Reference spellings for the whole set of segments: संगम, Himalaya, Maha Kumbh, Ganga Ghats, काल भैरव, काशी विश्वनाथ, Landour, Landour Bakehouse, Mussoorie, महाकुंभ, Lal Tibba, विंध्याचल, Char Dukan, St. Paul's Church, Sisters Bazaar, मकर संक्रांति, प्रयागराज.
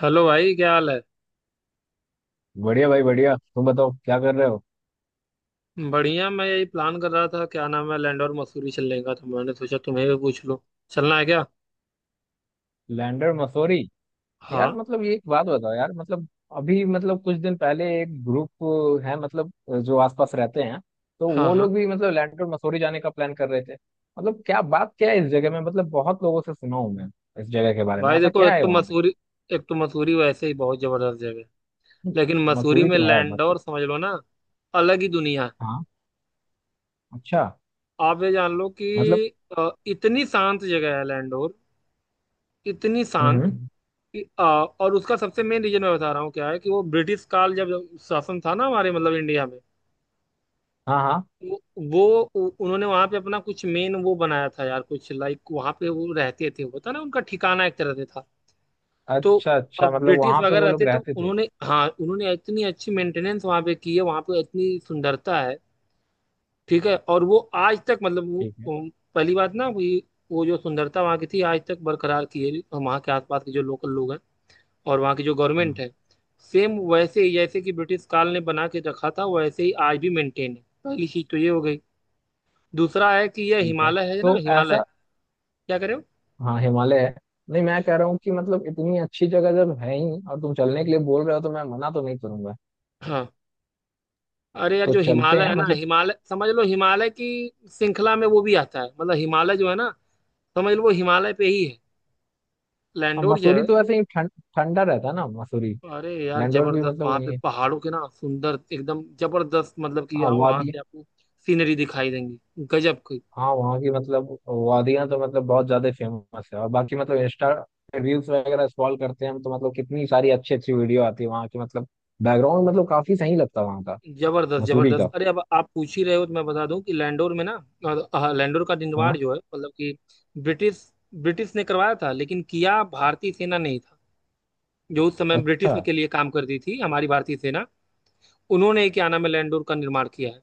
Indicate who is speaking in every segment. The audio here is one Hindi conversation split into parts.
Speaker 1: हेलो भाई, क्या हाल है।
Speaker 2: बढ़िया भाई, बढ़िया। तुम बताओ क्या कर रहे हो।
Speaker 1: बढ़िया, मैं यही प्लान कर रहा था क्या नाम है लैंड और मसूरी चलने का, तो मैंने सोचा तुम्हें भी पूछ लो। चलना है क्या?
Speaker 2: लैंडर मसूरी? यार,
Speaker 1: हाँ,
Speaker 2: मतलब ये एक बात बताओ यार। मतलब अभी, मतलब कुछ दिन पहले एक ग्रुप है मतलब, जो आसपास रहते हैं, तो
Speaker 1: हाँ,
Speaker 2: वो
Speaker 1: हाँ,
Speaker 2: लोग भी मतलब लैंडर मसूरी जाने का प्लान कर रहे थे। मतलब क्या बात क्या है इस जगह में? मतलब बहुत लोगों से सुना हूं मैं इस जगह के बारे में।
Speaker 1: भाई
Speaker 2: ऐसा
Speaker 1: देखो,
Speaker 2: क्या
Speaker 1: एक
Speaker 2: है
Speaker 1: तो
Speaker 2: वहां पे?
Speaker 1: मसूरी एक तो मसूरी वैसे ही बहुत जबरदस्त जगह है। लेकिन मसूरी
Speaker 2: मसूरी
Speaker 1: में
Speaker 2: तो है
Speaker 1: लैंड
Speaker 2: मसूरी।
Speaker 1: और समझ लो ना, अलग ही दुनिया है।
Speaker 2: हाँ। अच्छा,
Speaker 1: आप ये जान लो कि
Speaker 2: मतलब।
Speaker 1: इतनी शांत जगह है लैंडोर, इतनी शांत
Speaker 2: हम्म।
Speaker 1: कि और उसका सबसे मेन रीजन मैं बता रहा हूँ क्या है कि वो ब्रिटिश काल जब शासन था ना हमारे मतलब इंडिया में,
Speaker 2: हाँ, हाँ।
Speaker 1: वो उन्होंने वहां पे अपना कुछ मेन वो बनाया था यार, कुछ लाइक वहां पे वो रहते थे, होता ना, उनका ठिकाना एक तरह से था। तो
Speaker 2: अच्छा अच्छा,
Speaker 1: अब
Speaker 2: मतलब
Speaker 1: ब्रिटिश
Speaker 2: वहां पे
Speaker 1: वगैरह
Speaker 2: वो लोग
Speaker 1: रहते तो
Speaker 2: रहते थे।
Speaker 1: उन्होंने, हाँ, उन्होंने इतनी अच्छी मेंटेनेंस वहां पे की है, वहां पे इतनी सुंदरता है। ठीक है। और वो आज तक मतलब
Speaker 2: ठीक है।
Speaker 1: पहली बात ना, वही वो जो सुंदरता वहां की थी आज तक बरकरार की है, वहां के आसपास के जो लोकल लोग हैं और वहां की जो गवर्नमेंट
Speaker 2: हाँ,
Speaker 1: है, सेम वैसे ही जैसे कि ब्रिटिश काल ने बना के रखा था, वैसे ही आज भी मेंटेन है। पहली चीज तो ये हो गई। दूसरा है कि ये
Speaker 2: ठीक है।
Speaker 1: हिमालय है ना,
Speaker 2: तो
Speaker 1: हिमालय।
Speaker 2: ऐसा।
Speaker 1: क्या कह रहे हो?
Speaker 2: हाँ, हिमालय है। नहीं, मैं कह रहा हूँ कि मतलब इतनी अच्छी जगह जब है ही, और तुम चलने के लिए बोल रहे हो तो मैं मना तो नहीं करूंगा।
Speaker 1: हाँ। अरे यार,
Speaker 2: तो
Speaker 1: जो
Speaker 2: चलते
Speaker 1: हिमालय
Speaker 2: हैं
Speaker 1: है ना,
Speaker 2: मतलब।
Speaker 1: हिमालय, समझ लो हिमालय की श्रृंखला में वो भी आता है, मतलब हिमालय जो है ना, समझ लो वो हिमालय पे ही है,
Speaker 2: हाँ,
Speaker 1: लैंडोर जो
Speaker 2: मसूरी
Speaker 1: है।
Speaker 2: तो ऐसे ही ठंडा रहता है ना, मसूरी।
Speaker 1: अरे यार
Speaker 2: लैंडोर भी
Speaker 1: जबरदस्त,
Speaker 2: मतलब
Speaker 1: वहां
Speaker 2: वही
Speaker 1: पे
Speaker 2: है।
Speaker 1: पहाड़ों के ना, सुंदर एकदम जबरदस्त, मतलब कि
Speaker 2: हाँ,
Speaker 1: यहाँ वहां
Speaker 2: वादी।
Speaker 1: से आपको सीनरी दिखाई देंगी गजब की।
Speaker 2: हाँ, वहाँ की मतलब वादियाँ तो मतलब बहुत ज्यादा फेमस है, और बाकी मतलब इंस्टा रील्स वगैरह स्क्रॉल करते हैं हम तो, मतलब कितनी सारी अच्छी अच्छी वीडियो आती है वहाँ की। मतलब बैकग्राउंड, मतलब काफी सही लगता है वहाँ का।
Speaker 1: जबरदस्त,
Speaker 2: मसूरी
Speaker 1: जबरदस्त,
Speaker 2: का।
Speaker 1: अरे अब आप पूछ ही रहे हो तो मैं बता दूं कि लैंडोर में ना, हाँ, लैंडोर का
Speaker 2: हाँ।
Speaker 1: निर्माण जो है मतलब कि ब्रिटिश ब्रिटिश ने करवाया था, लेकिन किया भारतीय सेना नहीं था, जो उस समय ब्रिटिश
Speaker 2: अच्छा
Speaker 1: के लिए काम करती थी, हमारी भारतीय सेना। उन्होंने क्या नाम है लैंडोर का निर्माण किया है।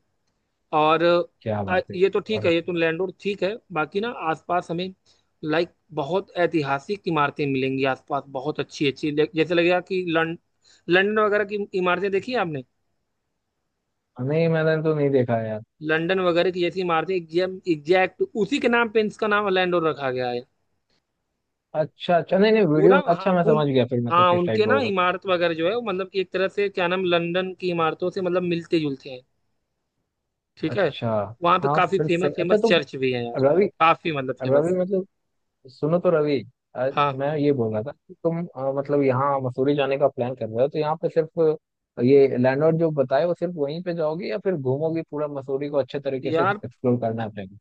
Speaker 1: और
Speaker 2: क्या बात है।
Speaker 1: ये तो ठीक
Speaker 2: और
Speaker 1: है, ये
Speaker 2: अच्छी
Speaker 1: तो
Speaker 2: बात।
Speaker 1: लैंडोर ठीक है, बाकी ना आसपास हमें, लाइक, बहुत ऐतिहासिक इमारतें मिलेंगी आसपास, बहुत अच्छी अच्छी जैसे लगेगा कि लंदन वगैरह की इमारतें देखी है आपने,
Speaker 2: नहीं, मैंने तो नहीं देखा है यार।
Speaker 1: लंदन वगैरह की जैसी इमारतें, एग्जैक्ट उसी के नाम पे इसका नाम लैंडोर रखा गया है।
Speaker 2: अच्छा अच्छा, नहीं नहीं,
Speaker 1: वो ना,
Speaker 2: वीडियो।
Speaker 1: हाँ,
Speaker 2: अच्छा, मैं
Speaker 1: उन
Speaker 2: समझ गया। फिर मतलब
Speaker 1: हाँ,
Speaker 2: किस टाइप
Speaker 1: उनके
Speaker 2: का
Speaker 1: ना
Speaker 2: होगा।
Speaker 1: इमारत वगैरह जो है वो मतलब एक तरह से क्या नाम लंदन की इमारतों से मतलब मिलते जुलते हैं। ठीक है।
Speaker 2: अच्छा।
Speaker 1: वहाँ पे
Speaker 2: हाँ,
Speaker 1: काफी
Speaker 2: फिर
Speaker 1: फेमस
Speaker 2: सही। अच्छा,
Speaker 1: फेमस
Speaker 2: तो।
Speaker 1: चर्च भी है यार,
Speaker 2: रवि।
Speaker 1: काफी मतलब
Speaker 2: रवि,
Speaker 1: फेमस।
Speaker 2: मतलब। सुनो तो, रवि।
Speaker 1: हाँ
Speaker 2: मैं ये बोल रहा था कि तुम मतलब यहाँ मसूरी जाने का प्लान कर रहे हो, तो यहाँ पे सिर्फ ये लैंडलॉर्ड जो बताए वो सिर्फ वहीं पे जाओगे, या फिर घूमोगे पूरा मसूरी को? अच्छे तरीके से
Speaker 1: यार,
Speaker 2: एक्सप्लोर करना है अपने को?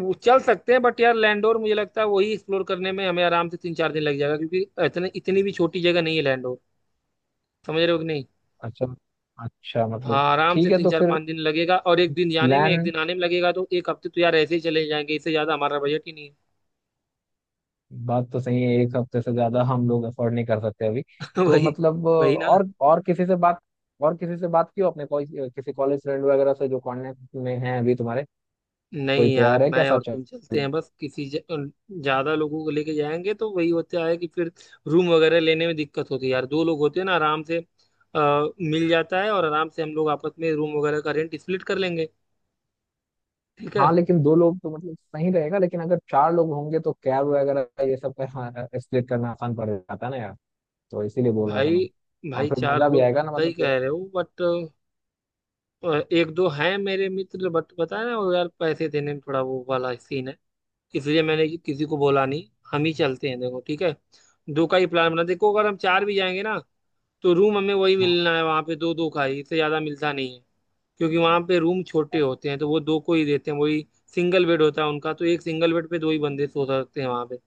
Speaker 1: वो चल सकते हैं बट यार लैंडोर मुझे लगता है वही एक्सप्लोर करने में हमें आराम से तीन चार दिन लग जाएगा, क्योंकि इतने इतनी भी छोटी जगह नहीं है लैंडोर। समझ रहे हो कि नहीं?
Speaker 2: अच्छा अच्छा,
Speaker 1: हाँ,
Speaker 2: मतलब।
Speaker 1: आराम से
Speaker 2: ठीक है,
Speaker 1: तीन
Speaker 2: तो
Speaker 1: चार
Speaker 2: फिर।
Speaker 1: पाँच दिन लगेगा और एक दिन जाने में एक
Speaker 2: प्लान।
Speaker 1: दिन आने में लगेगा, तो एक हफ्ते तो यार ऐसे ही चले जाएंगे, इससे ज्यादा हमारा बजट ही नहीं
Speaker 2: बात तो सही है, एक हफ्ते से ज्यादा हम लोग अफोर्ड नहीं कर सकते अभी।
Speaker 1: है।
Speaker 2: तो
Speaker 1: वही।
Speaker 2: मतलब,
Speaker 1: वही ना।
Speaker 2: और किसी से बात। और किसी से बात की हो अपने? कोई किसी कॉलेज फ्रेंड वगैरह से जो कांटेक्ट में हैं अभी तुम्हारे? कोई
Speaker 1: नहीं यार,
Speaker 2: तैयार है क्या
Speaker 1: मैं
Speaker 2: साथ
Speaker 1: और
Speaker 2: चल?
Speaker 1: तुम चलते हैं बस, ज्यादा लोगों को लेके जाएंगे तो वही होता है कि फिर रूम वगैरह लेने में दिक्कत होती है यार, दो लोग होते हैं ना आराम से, आ, मिल जाता है, और आराम से हम लोग आपस में रूम वगैरह का रेंट स्प्लिट कर लेंगे। ठीक है।
Speaker 2: हाँ, लेकिन दो लोग तो मतलब सही रहेगा, लेकिन अगर चार लोग होंगे तो कैब वगैरह ये सब का, हाँ, स्प्लिट करना आसान पड़ जाता है ना यार। तो इसीलिए बोल रहा था
Speaker 1: भाई,
Speaker 2: मैं। और
Speaker 1: भाई
Speaker 2: फिर
Speaker 1: चार
Speaker 2: मजा भी
Speaker 1: लोग
Speaker 2: आएगा
Speaker 1: तुम
Speaker 2: ना,
Speaker 1: सही
Speaker 2: मतलब पूरा।
Speaker 1: कह रहे हो बट एक दो हैं मेरे मित्र, बट पता है ना वो, यार पैसे देने में थोड़ा वो वाला सीन है, इसलिए मैंने किसी को बोला नहीं, हम ही चलते हैं, देखो ठीक है, दो का ही प्लान बना, देखो अगर हम चार भी जाएंगे ना तो रूम हमें वही
Speaker 2: हाँ,
Speaker 1: मिलना है वहाँ पे, दो दो का ही, इससे ज़्यादा मिलता नहीं है, क्योंकि वहाँ पे रूम छोटे होते हैं तो वो दो को ही देते हैं, वही सिंगल बेड होता है उनका, तो एक सिंगल बेड पे दो ही बंदे सो सकते हैं वहाँ पे।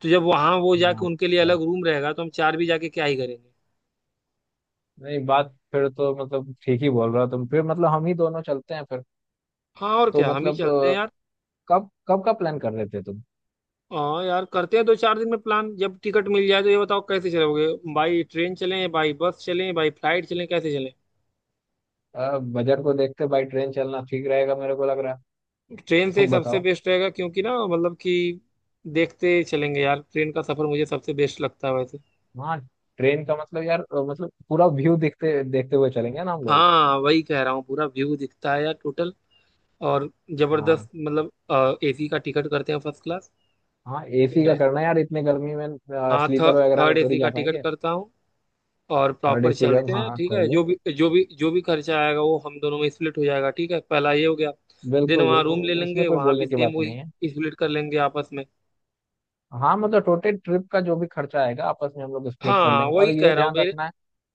Speaker 1: तो जब वहाँ वो
Speaker 2: हाँ,
Speaker 1: जाके उनके लिए
Speaker 2: अच्छा।
Speaker 1: अलग रूम रहेगा तो हम चार भी जाके क्या ही करेंगे।
Speaker 2: नहीं, बात फिर तो मतलब ठीक ही बोल रहा हो तुम, फिर मतलब हम ही दोनों चलते हैं फिर।
Speaker 1: हाँ, और
Speaker 2: तो
Speaker 1: क्या, हम ही
Speaker 2: मतलब,
Speaker 1: चलते हैं यार।
Speaker 2: कब कब का प्लान कर रहे थे तुम?
Speaker 1: हाँ यार, करते हैं दो चार दिन में प्लान जब टिकट मिल जाए, तो ये बताओ कैसे चलोगे, बाई ट्रेन चलें, बाई बस चलें, बाई फ्लाइट चलें, कैसे चलें?
Speaker 2: बजट को देखते भाई, ट्रेन चलना ठीक रहेगा मेरे को लग रहा है।
Speaker 1: ट्रेन से ही
Speaker 2: तुम
Speaker 1: सबसे
Speaker 2: बताओ।
Speaker 1: बेस्ट रहेगा, क्योंकि ना मतलब कि देखते चलेंगे यार, ट्रेन का सफर मुझे सबसे बेस्ट लगता है वैसे।
Speaker 2: हाँ, ट्रेन का मतलब यार, मतलब पूरा व्यू देखते देखते हुए चलेंगे ना हम लोग।
Speaker 1: हाँ वही कह रहा हूँ, पूरा व्यू दिखता है यार टोटल, और
Speaker 2: हाँ।
Speaker 1: जबरदस्त मतलब, एसी का टिकट करते हैं फर्स्ट क्लास।
Speaker 2: हाँ, एसी
Speaker 1: ठीक
Speaker 2: का
Speaker 1: है।
Speaker 2: करना है यार इतने गर्मी में।
Speaker 1: हाँ,
Speaker 2: स्लीपर वगैरह में
Speaker 1: थर्ड
Speaker 2: थोड़ी
Speaker 1: एसी का
Speaker 2: जा
Speaker 1: टिकट
Speaker 2: पाएंगे।
Speaker 1: करता हूँ और
Speaker 2: थर्ड
Speaker 1: प्रॉपर
Speaker 2: एसी का,
Speaker 1: चलते
Speaker 2: हाँ,
Speaker 1: हैं,
Speaker 2: हाँ,
Speaker 1: ठीक
Speaker 2: कर
Speaker 1: है, जो
Speaker 2: लो।
Speaker 1: भी जो भी जो भी खर्चा आएगा वो हम दोनों में स्प्लिट हो जाएगा, ठीक है, पहला ये हो गया। देन
Speaker 2: बिल्कुल
Speaker 1: वहाँ रूम ले
Speaker 2: बिल्कुल,
Speaker 1: लेंगे,
Speaker 2: उसमें कोई
Speaker 1: वहाँ भी
Speaker 2: बोलने की
Speaker 1: सेम
Speaker 2: बात
Speaker 1: वही
Speaker 2: नहीं है।
Speaker 1: स्प्लिट कर लेंगे आपस में।
Speaker 2: हाँ, मतलब टोटल ट्रिप का जो भी खर्चा आएगा आपस में हम लोग स्प्लिट कर
Speaker 1: हाँ
Speaker 2: लेंगे, और
Speaker 1: वही कह
Speaker 2: ये
Speaker 1: रहा हूँ,
Speaker 2: ध्यान
Speaker 1: मेरे
Speaker 2: रखना है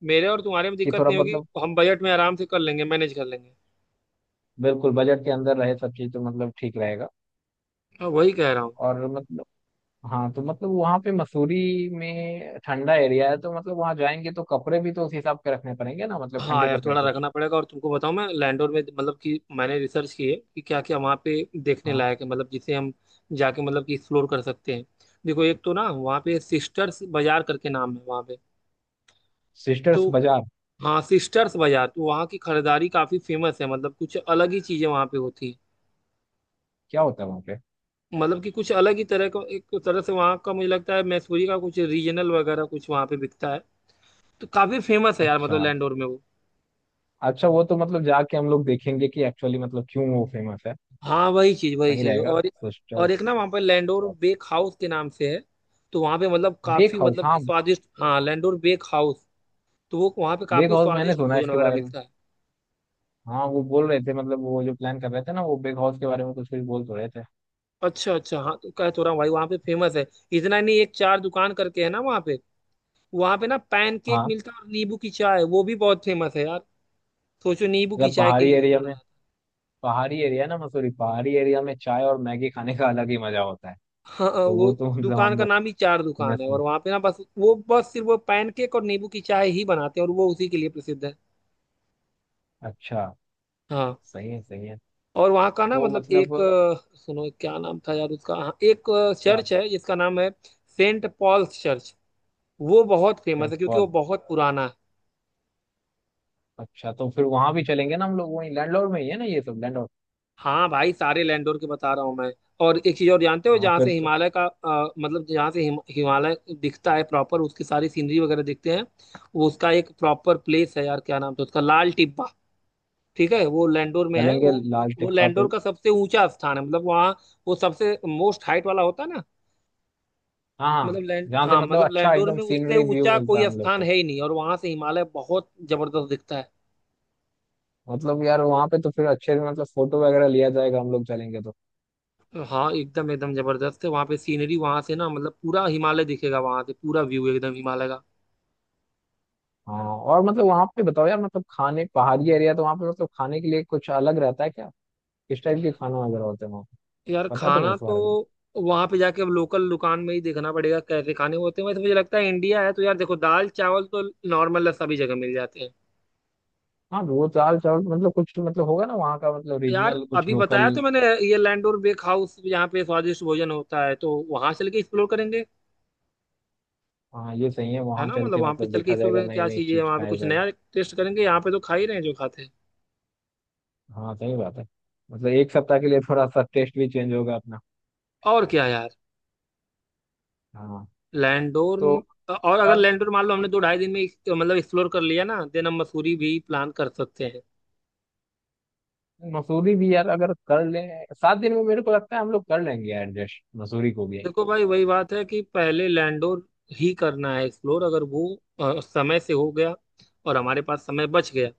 Speaker 1: मेरे और तुम्हारे में
Speaker 2: कि
Speaker 1: दिक्कत
Speaker 2: थोड़ा
Speaker 1: नहीं होगी,
Speaker 2: मतलब।
Speaker 1: हम बजट में आराम से कर लेंगे, मैनेज कर लेंगे।
Speaker 2: बिल्कुल बजट के अंदर रहे सब चीज तो मतलब ठीक रहेगा।
Speaker 1: हाँ वही कह रहा हूँ।
Speaker 2: और मतलब। हाँ, तो मतलब वहाँ पे मसूरी में ठंडा एरिया है, तो मतलब वहाँ जाएंगे तो कपड़े भी तो उस हिसाब के रखने पड़ेंगे ना, मतलब
Speaker 1: हाँ
Speaker 2: ठंडे
Speaker 1: यार
Speaker 2: कपड़े
Speaker 1: थोड़ा
Speaker 2: कुछ।
Speaker 1: रखना पड़ेगा, और तुमको बताऊँ, मैं लैंडोर में मतलब कि मैंने रिसर्च की है कि क्या क्या वहाँ पे देखने
Speaker 2: हाँ,
Speaker 1: लायक है, मतलब जिसे हम जाके मतलब कि एक्सप्लोर कर सकते हैं। देखो, एक तो ना वहाँ पे सिस्टर्स बाजार करके नाम है वहाँ पे, तो
Speaker 2: सिस्टर्स बाजार।
Speaker 1: हाँ सिस्टर्स बाजार, तो वहाँ की खरीदारी काफ़ी फेमस है, मतलब कुछ अलग ही चीज़ें वहाँ पे होती हैं,
Speaker 2: क्या होता है वहाँ पे?
Speaker 1: मतलब कि कुछ अलग ही तरह का एक तरह से वहाँ का, मुझे लगता है मैसूरी का कुछ रीजनल वगैरह कुछ वहाँ पे बिकता है, तो काफ़ी फेमस है यार मतलब
Speaker 2: अच्छा
Speaker 1: लैंडोर में वो।
Speaker 2: अच्छा, वो तो मतलब जाके हम लोग देखेंगे कि एक्चुअली मतलब क्यों वो फेमस है।
Speaker 1: हाँ, वही चीज वही
Speaker 2: सही
Speaker 1: चीज
Speaker 2: रहेगा
Speaker 1: और एक
Speaker 2: सिस्टर्स।
Speaker 1: ना वहाँ पे लैंडोर बेक हाउस के नाम से है, तो वहाँ पे मतलब
Speaker 2: बेक
Speaker 1: काफी
Speaker 2: हाउस,
Speaker 1: मतलब कि
Speaker 2: हाँ।
Speaker 1: स्वादिष्ट, हाँ लैंडोर बेक हाउस, तो वो वहाँ पे
Speaker 2: बेक
Speaker 1: काफी
Speaker 2: हाउस मैंने
Speaker 1: स्वादिष्ट
Speaker 2: सुना है
Speaker 1: भोजन
Speaker 2: इसके
Speaker 1: वगैरह
Speaker 2: बारे में।
Speaker 1: मिलता है।
Speaker 2: हाँ, वो बोल रहे थे मतलब, वो जो प्लान कर रहे थे ना, वो बेक हाउस के बारे में कुछ कुछ बोल तो रहे थे।
Speaker 1: अच्छा अच्छा, हाँ तो कह तो रहा हूँ भाई वहाँ पे फेमस है, इतना नहीं, एक चार दुकान करके है ना वहाँ पे, वहाँ पे ना पैन केक
Speaker 2: हाँ।
Speaker 1: मिलता है और नींबू की चाय, वो भी बहुत फेमस है यार। सोचो, नींबू की
Speaker 2: जब
Speaker 1: चाय के
Speaker 2: पहाड़ी
Speaker 1: लिए भी
Speaker 2: एरिया
Speaker 1: जाना
Speaker 2: में
Speaker 1: जाता है।
Speaker 2: पहाड़ी एरिया ना, मसूरी पहाड़ी एरिया में चाय और मैगी खाने का अलग ही मजा होता है।
Speaker 1: हाँ हाँ,
Speaker 2: तो वो
Speaker 1: वो
Speaker 2: तो मतलब
Speaker 1: दुकान
Speaker 2: हम
Speaker 1: का
Speaker 2: लोग।
Speaker 1: नाम ही चार दुकान है,
Speaker 2: fitness
Speaker 1: और
Speaker 2: में-
Speaker 1: वहाँ पे ना बस वो, बस सिर्फ वो पैन केक और नींबू की चाय ही बनाते हैं, और वो उसी के लिए प्रसिद्ध है।
Speaker 2: अच्छा।
Speaker 1: हाँ,
Speaker 2: सही है, सही है।
Speaker 1: और वहाँ का ना
Speaker 2: तो
Speaker 1: मतलब
Speaker 2: मतलब।
Speaker 1: एक सुनो, क्या नाम था यार उसका, हाँ, एक
Speaker 2: क्या?
Speaker 1: चर्च है जिसका नाम है सेंट पॉल्स चर्च, वो बहुत फेमस
Speaker 2: सेंट
Speaker 1: है क्योंकि वो
Speaker 2: पॉल।
Speaker 1: बहुत पुराना है।
Speaker 2: अच्छा, तो फिर वहां भी चलेंगे ना हम लोग, वहीं लैंडलॉर्ड में ही है ना ये सब, लैंडलॉर्ड?
Speaker 1: हाँ भाई, सारे लैंडोर के बता रहा हूँ मैं। और एक चीज और जानते हो
Speaker 2: हाँ,
Speaker 1: जहाँ
Speaker 2: फिर
Speaker 1: से
Speaker 2: तो।
Speaker 1: हिमालय का मतलब जहाँ से हिमालय दिखता है प्रॉपर, उसकी सारी सीनरी वगैरह दिखते हैं, वो उसका एक प्रॉपर प्लेस है यार, क्या नाम था उसका, लाल टिब्बा, ठीक है, वो लैंडोर में है,
Speaker 2: चलेंगे लाल
Speaker 1: वो
Speaker 2: टिक्का पे।
Speaker 1: लैंडोर का सबसे ऊंचा स्थान है, मतलब वहाँ वो सबसे मोस्ट हाइट वाला होता है ना,
Speaker 2: हाँ,
Speaker 1: मतलब
Speaker 2: हाँ।
Speaker 1: लैंड
Speaker 2: जहाँ से
Speaker 1: हाँ,
Speaker 2: मतलब
Speaker 1: मतलब
Speaker 2: अच्छा,
Speaker 1: लैंडोर
Speaker 2: एकदम
Speaker 1: में उससे
Speaker 2: सीनरी व्यू
Speaker 1: ऊंचा
Speaker 2: मिलता है
Speaker 1: कोई
Speaker 2: हम लोग
Speaker 1: स्थान
Speaker 2: को।
Speaker 1: है ही नहीं, और वहां से हिमालय बहुत जबरदस्त दिखता है।
Speaker 2: मतलब यार, वहाँ पे तो फिर अच्छे से मतलब फोटो वगैरह लिया जाएगा हम लोग चलेंगे तो।
Speaker 1: हाँ, एकदम एकदम जबरदस्त है वहां पे सीनरी, वहां से ना मतलब पूरा हिमालय दिखेगा वहां से, पूरा व्यू एकदम हिमालय का।
Speaker 2: हाँ, और मतलब वहाँ पे बताओ यार, मतलब खाने, पहाड़ी एरिया, तो वहाँ पे मतलब खाने के लिए कुछ अलग रहता है क्या? किस टाइप के खाना वगैरह होते हैं वहाँ पे?
Speaker 1: यार
Speaker 2: पता है तुम्हें
Speaker 1: खाना
Speaker 2: इस
Speaker 1: तो
Speaker 2: बारे में?
Speaker 1: वहां पे जाके अब लोकल दुकान में ही देखना पड़ेगा कैसे खाने होते हैं, वैसे मुझे लगता है इंडिया है तो यार देखो दाल चावल तो नॉर्मल है, सभी जगह मिल जाते हैं।
Speaker 2: हाँ, वो दाल चावल मतलब, कुछ तो मतलब होगा ना वहाँ का, मतलब
Speaker 1: यार
Speaker 2: रीजनल कुछ
Speaker 1: अभी बताया
Speaker 2: लोकल।
Speaker 1: तो मैंने, ये लैंडोर बेक हाउस यहाँ पे स्वादिष्ट भोजन होता है, तो वहां चल के एक्सप्लोर करेंगे,
Speaker 2: हाँ, ये सही है,
Speaker 1: है
Speaker 2: वहाँ
Speaker 1: ना,
Speaker 2: चल
Speaker 1: मतलब
Speaker 2: के
Speaker 1: वहां पे
Speaker 2: मतलब
Speaker 1: चल के
Speaker 2: देखा जाएगा,
Speaker 1: एक्सप्लोर
Speaker 2: नई
Speaker 1: क्या
Speaker 2: नई
Speaker 1: चीज है
Speaker 2: चीज
Speaker 1: वहां पे,
Speaker 2: खाया
Speaker 1: कुछ
Speaker 2: जाएगा।
Speaker 1: नया टेस्ट करेंगे, यहाँ पे तो खा ही रहे हैं जो खाते हैं।
Speaker 2: हाँ, सही बात है। मतलब एक सप्ताह के लिए थोड़ा सा टेस्ट भी चेंज होगा अपना।
Speaker 1: और क्या यार
Speaker 2: हाँ,
Speaker 1: लैंडोर,
Speaker 2: तो।
Speaker 1: और अगर
Speaker 2: पर।
Speaker 1: लैंडोर मान लो हमने दो
Speaker 2: टिकट।
Speaker 1: ढाई दिन में मतलब एक्सप्लोर कर लिया ना, देन हम मसूरी भी प्लान कर सकते हैं।
Speaker 2: मसूरी भी यार, अगर कर लें 7 दिन में मेरे को लगता है हम लोग कर लेंगे एडजस्ट मसूरी को भी।
Speaker 1: देखो भाई, वही बात है कि पहले लैंडोर ही करना है एक्सप्लोर, अगर वो समय से हो गया और हमारे पास समय बच गया,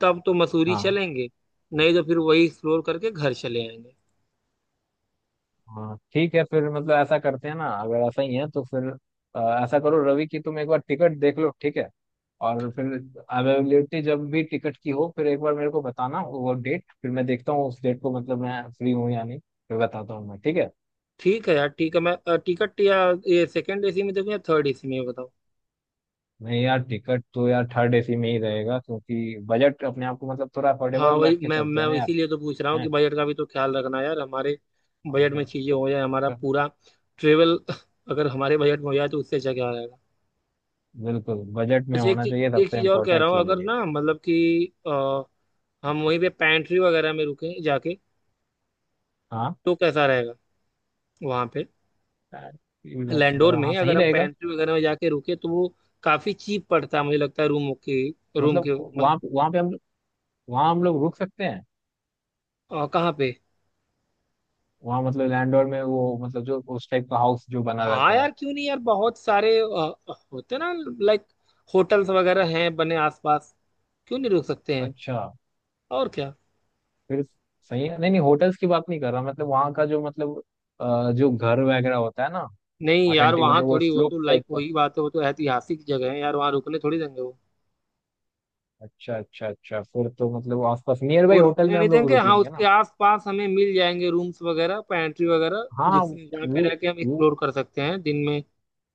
Speaker 1: तब तो मसूरी
Speaker 2: हाँ।
Speaker 1: चलेंगे, नहीं तो फिर वही एक्सप्लोर करके घर चले आएंगे।
Speaker 2: हाँ, ठीक है, फिर मतलब ऐसा करते हैं ना, अगर ऐसा ही है तो फिर। ऐसा करो रवि की तुम एक बार टिकट देख लो, ठीक है। और फिर। अवेलेबिलिटी जब भी टिकट की हो, फिर एक बार मेरे को बताना वो डेट, फिर मैं देखता हूँ उस डेट को मतलब मैं फ्री हूँ या नहीं, फिर बताता हूँ मैं, ठीक है?
Speaker 1: ठीक है यार, ठीक है, मैं टिकट या ये सेकंड एसी में देखूं या थर्ड एसी में, ये बताओ।
Speaker 2: नहीं यार, टिकट तो यार थर्ड एसी में ही रहेगा क्योंकि बजट अपने आप को मतलब थोड़ा
Speaker 1: हाँ
Speaker 2: अफोर्डेबल
Speaker 1: वही,
Speaker 2: रख के
Speaker 1: मैं
Speaker 2: चलते हैं
Speaker 1: मैं
Speaker 2: ना यार।
Speaker 1: इसीलिए तो पूछ रहा हूँ
Speaker 2: हैं।
Speaker 1: कि बजट का भी तो ख्याल रखना यार, हमारे
Speaker 2: और
Speaker 1: बजट में
Speaker 2: ब-
Speaker 1: चीजें हो जाए हमारा पूरा ट्रेवल, अगर हमारे बजट में हो जाए तो उससे अच्छा क्या रहेगा।
Speaker 2: बिल्कुल, बजट में
Speaker 1: अच्छा, एक
Speaker 2: होना
Speaker 1: चीज,
Speaker 2: चाहिए,
Speaker 1: एक
Speaker 2: सबसे
Speaker 1: चीज और कह
Speaker 2: इम्पोर्टेंट
Speaker 1: रहा हूँ,
Speaker 2: चीज है
Speaker 1: अगर
Speaker 2: ये।
Speaker 1: ना मतलब कि हम वहीं पे पैंट्री वगैरह में रुके जाके,
Speaker 2: हाँ,
Speaker 1: तो कैसा रहेगा वहाँ पे? लैंडोर
Speaker 2: वगैरह, हाँ
Speaker 1: में
Speaker 2: सही
Speaker 1: अगर हम
Speaker 2: रहेगा।
Speaker 1: पैंट्री वगैरह में जाके रुके तो वो काफी चीप पड़ता है, मुझे लगता है रूम के,
Speaker 2: मतलब
Speaker 1: मतलब,
Speaker 2: वहाँ वहाँ पे हम। वहां हम लोग रुक सकते हैं?
Speaker 1: कहाँ पे?
Speaker 2: वहां मतलब लैंडोर में वो, मतलब जो उस टाइप का हाउस जो बना
Speaker 1: हाँ
Speaker 2: रहता है।
Speaker 1: यार, क्यों नहीं यार, बहुत सारे होते ना, लाइक, होटल्स वगैरह हैं बने आसपास, क्यों नहीं रुक सकते हैं,
Speaker 2: अच्छा।
Speaker 1: और क्या।
Speaker 2: फिर सही है, नहीं नहीं, होटल्स की बात नहीं कर रहा, मतलब वहाँ का जो मतलब। जो घर वगैरह होता है ना।
Speaker 1: नहीं यार,
Speaker 2: ऑथेंटिक,
Speaker 1: वहाँ
Speaker 2: मतलब वो
Speaker 1: थोड़ी वो,
Speaker 2: स्लोप
Speaker 1: तो लाइक
Speaker 2: टाइप का।
Speaker 1: वही बात है, वो तो ऐतिहासिक जगह है यार, वहाँ रुकने थोड़ी देंगे वो
Speaker 2: अच्छा अच्छा अच्छा, फिर तो मतलब आसपास नियर बाई
Speaker 1: वो
Speaker 2: होटल
Speaker 1: रुकने
Speaker 2: में
Speaker 1: नहीं
Speaker 2: हम लोग
Speaker 1: देंगे,
Speaker 2: रुक
Speaker 1: हाँ,
Speaker 2: लेंगे
Speaker 1: उसके
Speaker 2: ना।
Speaker 1: आसपास हमें मिल जाएंगे रूम्स वगैरह, पेंट्री वगैरह,
Speaker 2: हाँ,
Speaker 1: जिस जहाँ पे रह के हम
Speaker 2: वो
Speaker 1: एक्सप्लोर कर सकते हैं दिन में।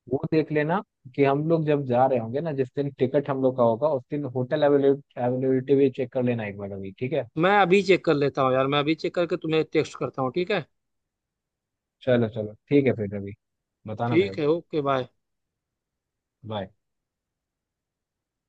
Speaker 2: वो देख लेना कि हम लोग जब जा रहे होंगे ना, जिस दिन टिकट हम लोग का होगा उस दिन होटल अवेलेबिलिटी भी चेक कर लेना एक बार अभी, ठीक है?
Speaker 1: मैं अभी चेक कर लेता हूँ यार, मैं अभी चेक करके तुम्हें टेक्स्ट करता हूँ, ठीक है।
Speaker 2: चलो चलो, ठीक है फिर, अभी। बताना मेरे
Speaker 1: ठीक
Speaker 2: को।
Speaker 1: है, ओके बाय।
Speaker 2: बाय।